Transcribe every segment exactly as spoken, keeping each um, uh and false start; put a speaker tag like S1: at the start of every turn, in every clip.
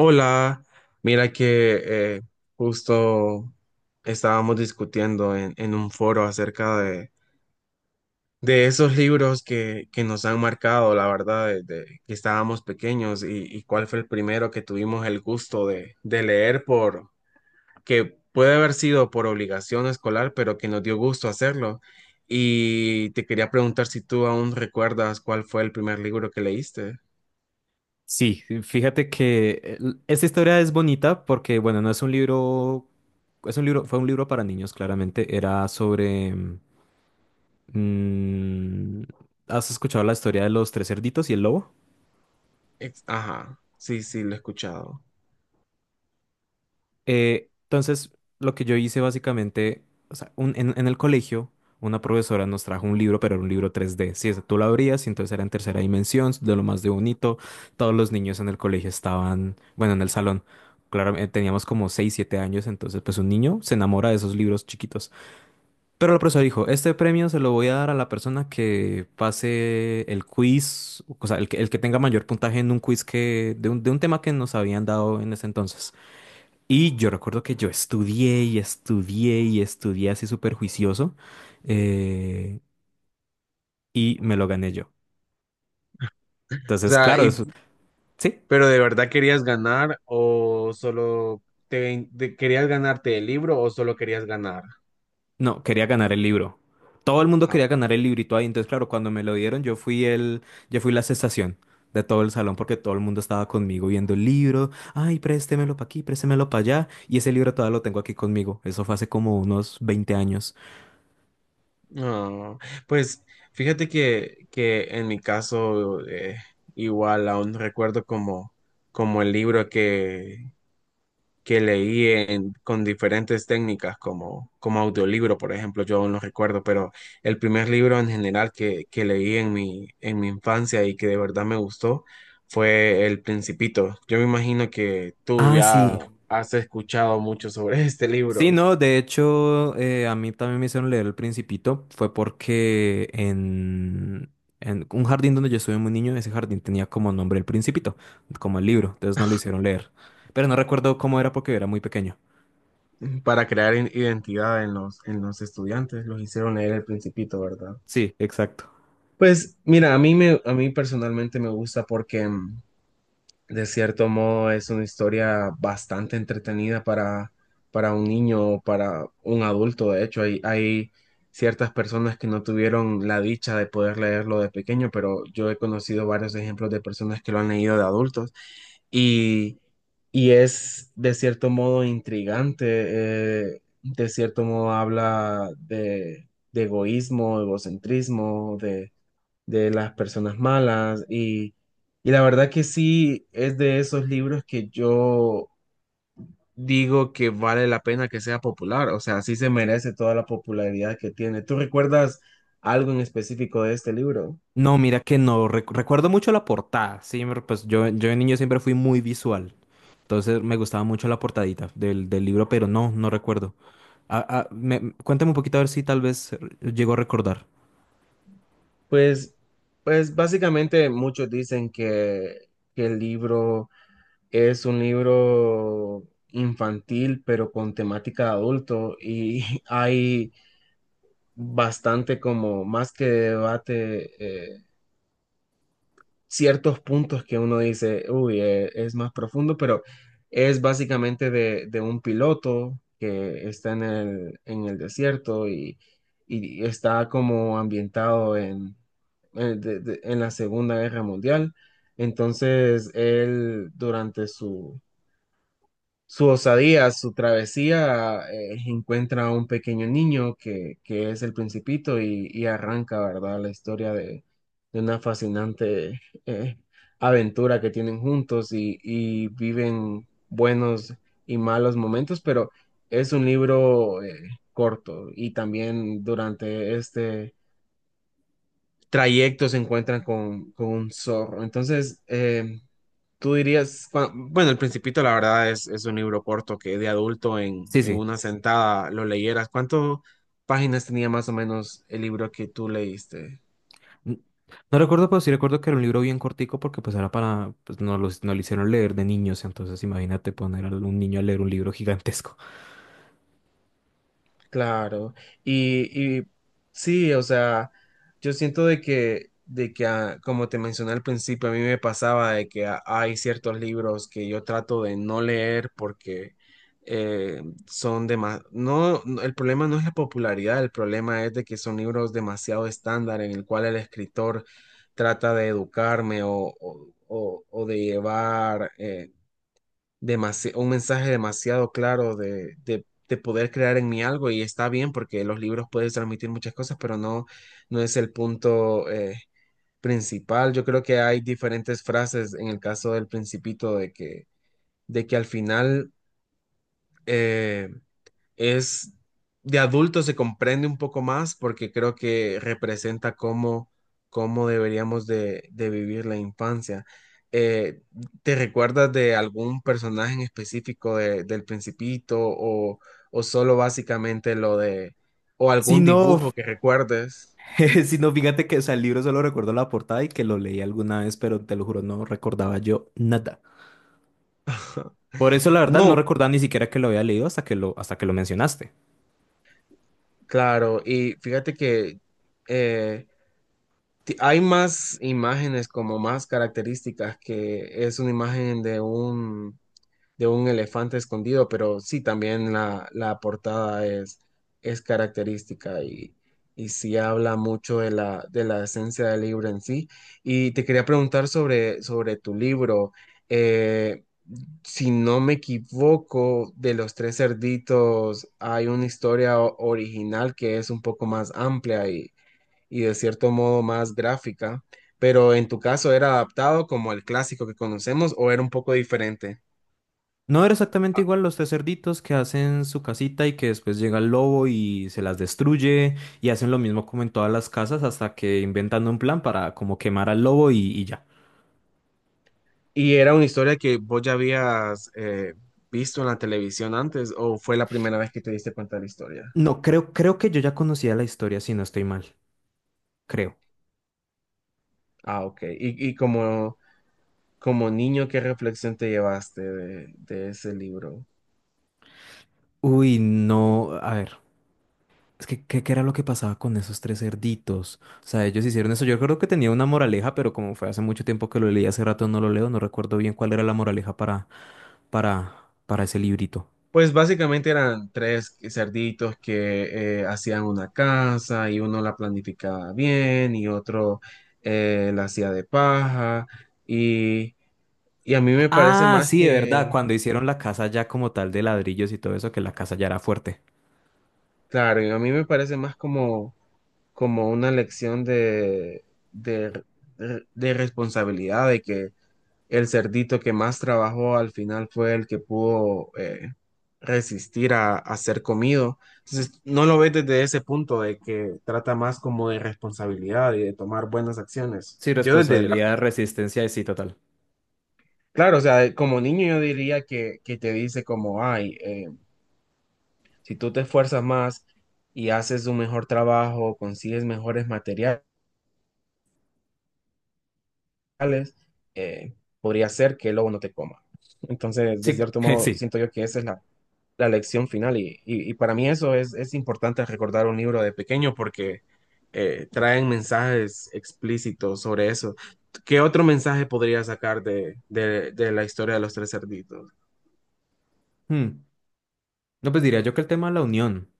S1: Hola, mira que eh, justo estábamos discutiendo en, en un foro acerca de, de esos libros que, que nos han marcado, la verdad, desde que estábamos pequeños y, y cuál fue el primero que tuvimos el gusto de, de leer por, que puede haber sido por obligación escolar, pero que nos dio gusto hacerlo. Y te quería preguntar si tú aún recuerdas cuál fue el primer libro que leíste.
S2: Sí, fíjate que el- esta historia es bonita porque, bueno, no es un libro, es un libro, fue un libro para niños, claramente. Era sobre, mm, ¿has escuchado la historia de los tres cerditos y el lobo?
S1: Ex- Ajá, sí, sí, lo he escuchado.
S2: Eh, entonces, lo que yo hice básicamente, o sea, un- en, en el colegio, una profesora nos trajo un libro, pero era un libro tres d. Sí, ese tú lo abrías y entonces era en tercera dimensión, de lo más de bonito. Todos los niños en el colegio estaban, bueno, en el salón. Claro, eh, teníamos como seis, siete años, entonces pues un niño se enamora de esos libros chiquitos. Pero la profesora dijo, este premio se lo voy a dar a la persona que pase el quiz, o sea, el que, el que tenga mayor puntaje en un quiz que, de un, de un tema que nos habían dado en ese entonces. Y yo recuerdo que yo estudié y estudié y estudié así súper juicioso, eh, y me lo gané yo.
S1: O
S2: Entonces,
S1: sea,
S2: claro,
S1: y
S2: eso, sí,
S1: ¿pero de verdad querías ganar o solo te, te- querías ganarte el libro o solo querías ganar?
S2: no, quería ganar el libro. Todo el mundo
S1: Ah,
S2: quería ganar el librito ahí. Entonces, claro, cuando me lo dieron, yo fui el, yo fui la sensación de todo el salón porque todo el mundo estaba conmigo viendo el libro. Ay, préstemelo para aquí, préstemelo para allá. Y ese libro todavía lo tengo aquí conmigo. Eso fue hace como unos veinte años.
S1: no. Pues fíjate que, que en mi caso eh, igual aún recuerdo como, como el libro que, que leí en- con diferentes técnicas, como, como audiolibro, por ejemplo, yo aún no recuerdo, pero el primer libro en general que, que leí en mi, en mi infancia y que de verdad me gustó fue El Principito. Yo me imagino que tú
S2: Ah,
S1: ya
S2: sí.
S1: has escuchado mucho sobre este
S2: Sí,
S1: libro
S2: no, de hecho, eh, a mí también me hicieron leer El Principito. Fue porque en, en un jardín donde yo estuve muy niño, ese jardín tenía como nombre El Principito, como el libro, entonces no lo hicieron leer. Pero no recuerdo cómo era porque era muy pequeño.
S1: para crear in- identidad en los, en los estudiantes, los hicieron leer El Principito, ¿verdad?
S2: Sí, exacto.
S1: Pues mira, a mí me, a mí personalmente me gusta porque, de cierto modo, es una historia bastante entretenida para, para un niño o para un adulto. De hecho, hay, hay ciertas personas que no tuvieron la dicha de poder leerlo de pequeño, pero yo he conocido varios ejemplos de personas que lo han leído de adultos. Y, y es de cierto modo intrigante, eh, de cierto modo habla de, de egoísmo, egocentrismo, de las personas malas y, y la verdad que sí es de esos libros que yo digo que vale la pena que sea popular, o sea, sí se merece toda la popularidad que tiene. ¿Tú recuerdas algo en específico de este libro?
S2: No, mira que no, rec- recuerdo mucho la portada, sí, me- pues yo, yo de niño siempre fui muy visual, entonces me gustaba mucho la portadita del, del libro, pero no, no recuerdo. Ah, ah, me- cuéntame un poquito a ver si tal vez eh, llego a recordar.
S1: Pues, pues básicamente muchos dicen que, que el libro es un libro infantil, pero con temática de adulto y hay bastante como más que debate. eh, ciertos puntos que uno dice, uy, eh, es más profundo, pero es básicamente de, de un piloto que está en el, en el desierto y, y está como ambientado en, en de- de- en la Segunda Guerra Mundial. Entonces, él durante su, su osadía, su travesía, eh, encuentra a un pequeño niño que, que es el principito y, y arranca, ¿verdad? La historia de, de una fascinante eh, aventura que tienen juntos y, y viven buenos y malos momentos, pero es un libro eh, corto y también durante este trayecto se encuentran con, con un zorro. Entonces, eh, tú dirías, cua- bueno, El Principito la verdad es, es un libro corto que de adulto en,
S2: Sí,
S1: en
S2: sí.
S1: una sentada lo leyeras. ¿Cuántas páginas tenía más o menos el libro que tú leíste?
S2: N- No recuerdo, pero sí recuerdo que era un libro bien cortico porque pues era para, pues nos lo, nos lo hicieron leer de niños, entonces imagínate poner a un niño a leer un libro gigantesco.
S1: Claro, y, y sí, o sea, yo siento de que, de que ah, como te mencioné al principio, a mí me pasaba de que ah, hay ciertos libros que yo trato de no leer porque eh, son demasiado, no, no, el problema no es la popularidad, el problema es de que son libros demasiado estándar en el cual el escritor trata de educarme o, o- o- o de llevar, eh, demasi- un mensaje demasiado claro de, de, de poder crear en mí algo y está bien porque los libros pueden transmitir muchas cosas, pero no, no es el punto eh, principal. Yo creo que hay diferentes frases en el caso del Principito de que, de que al final eh, es, de adulto se comprende un poco más porque creo que representa cómo, cómo deberíamos de, de vivir la infancia. Eh, ¿Te recuerdas de algún personaje en específico de- del Principito o, o solo básicamente lo de, o
S2: Si
S1: algún
S2: no,
S1: dibujo que recuerdes?
S2: si no, fíjate que, o sea, el libro solo recuerdo la portada y que lo leí alguna vez, pero te lo juro, no recordaba yo nada. Por eso, la verdad, no
S1: No,
S2: recordaba ni siquiera que lo había leído hasta que lo, hasta que lo mencionaste.
S1: claro, y fíjate que eh, ti- hay más imágenes como más características, que es una imagen de un, de un elefante escondido, pero sí, también la, la portada es, es característica y, y sí habla mucho de la, de la esencia del libro en sí. Y te quería preguntar sobre, sobre tu libro. Eh, si no me equivoco, de los tres cerditos hay una historia o- original que es un poco más amplia y, y de cierto modo más gráfica, pero en tu caso, ¿era adaptado como el clásico que conocemos o era un poco diferente?
S2: No era exactamente igual los tres cerditos que hacen su casita y que después llega el lobo y se las destruye y hacen lo mismo como en todas las casas hasta que inventan un plan para como quemar al lobo y, y ya.
S1: ¿Y era una historia que vos ya habías eh, visto en la televisión antes o fue la primera vez que te diste cuenta de la historia?
S2: No, creo, creo que yo ya conocía la historia si no estoy mal, creo.
S1: Ah, ok. ¿Y, y como, como niño, qué reflexión te llevaste de, de ese libro?
S2: Uy, no, a ver, es que ¿qué, qué era lo que pasaba con esos tres cerditos? O sea, ellos hicieron eso. Yo creo que tenía una moraleja, pero como fue hace mucho tiempo que lo leí, hace rato no lo leo, no recuerdo bien cuál era la moraleja para, para, para ese librito.
S1: Pues básicamente eran tres cerditos que eh, hacían una casa y uno la planificaba bien y otro eh, la hacía de paja. Y, y a mí me parece
S2: Ah,
S1: más
S2: sí, de verdad,
S1: que,
S2: cuando hicieron la casa ya como tal de ladrillos y todo eso, que la casa ya era fuerte.
S1: claro, y a mí me parece más como, como una lección de, de, de responsabilidad, de que el cerdito que más trabajó al final fue el que pudo eh, resistir a, a ser comido. Entonces, no lo ves desde ese punto de que trata más como de responsabilidad y de tomar buenas acciones.
S2: Sí,
S1: Yo desde, la-
S2: responsabilidad, resistencia, sí, total.
S1: claro, o sea, como niño yo diría que, que te dice como, ay, eh, si tú te esfuerzas más y haces un mejor trabajo, consigues mejores materiales, eh, podría ser que el lobo no te coma. Entonces, de
S2: Sí,
S1: cierto modo,
S2: sí.
S1: siento yo que esa es la, la lección final y, y- y para mí eso es, es importante recordar un libro de pequeño porque eh, traen mensajes explícitos sobre eso. ¿Qué otro mensaje podría sacar de, de- de la historia de los tres cerditos?
S2: Hmm. No, pues diría yo que el tema de la unión,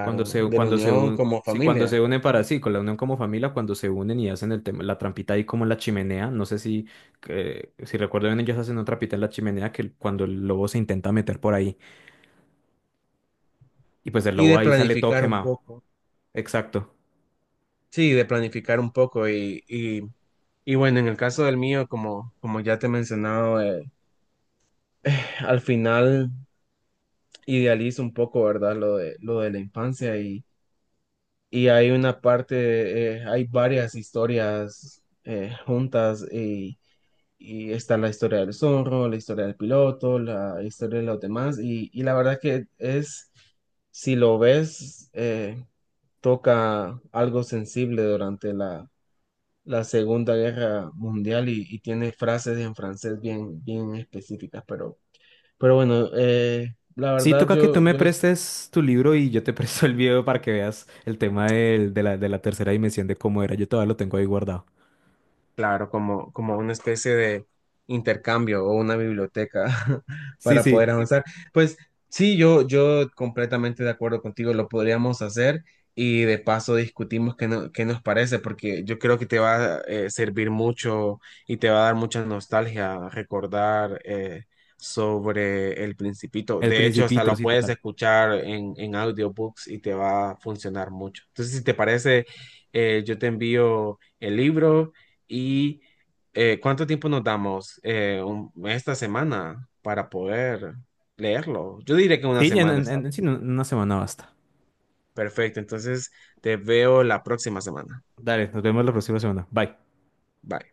S2: cuando se,
S1: de la
S2: cuando se,
S1: unión
S2: un-
S1: como
S2: sí, cuando
S1: familia
S2: se unen para sí, con la unión como familia, cuando se unen y hacen el tema, la trampita ahí como en la chimenea, no sé si, eh, si recuerdo bien, ellos hacen una trampita en la chimenea que el- cuando el lobo se intenta meter por ahí, y pues el
S1: y
S2: lobo
S1: de
S2: ahí sale todo
S1: planificar un
S2: quemado.
S1: poco.
S2: Exacto.
S1: Sí, de planificar un poco y, y- y bueno, en el caso del mío, como, como ya te he mencionado, eh, al final idealiza un poco, ¿verdad? Lo de, lo de la infancia y, y hay una parte, eh, hay varias historias eh, juntas y, y está la historia del zorro, la historia del piloto, la historia de los demás y, y la verdad que es, si lo ves, eh, toca algo sensible durante la, la Segunda Guerra Mundial y, y tiene frases en francés bien, bien específicas, pero... Pero bueno, eh, la
S2: Sí,
S1: verdad
S2: toca que
S1: yo,
S2: tú me
S1: yo, sí.
S2: prestes tu libro y yo te presto el video para que veas el tema del- de la, de la tercera dimensión de cómo era. Yo todavía lo tengo ahí guardado.
S1: Claro, como, como una especie de intercambio o una biblioteca
S2: Sí,
S1: para
S2: sí,
S1: poder avanzar. Pues sí, yo, yo completamente de acuerdo contigo, lo podríamos hacer y de paso discutimos qué, no- qué nos parece, porque yo creo que te va a eh, servir mucho y te va a dar mucha nostalgia recordar eh, sobre El Principito.
S2: El
S1: De hecho, hasta
S2: Principito,
S1: lo
S2: sí,
S1: puedes
S2: total.
S1: escuchar en, en audiobooks y te va a funcionar mucho. Entonces, si te parece, eh, yo te envío el libro. ¿Y eh, cuánto tiempo nos damos, eh, un- esta semana para poder leerlo? Yo diré que una
S2: Sí, en,
S1: semana
S2: en-
S1: está
S2: en-
S1: bien.
S2: sí, en una semana basta.
S1: Perfecto, entonces te veo la próxima semana.
S2: Dale, nos vemos la próxima semana. Bye.
S1: Bye.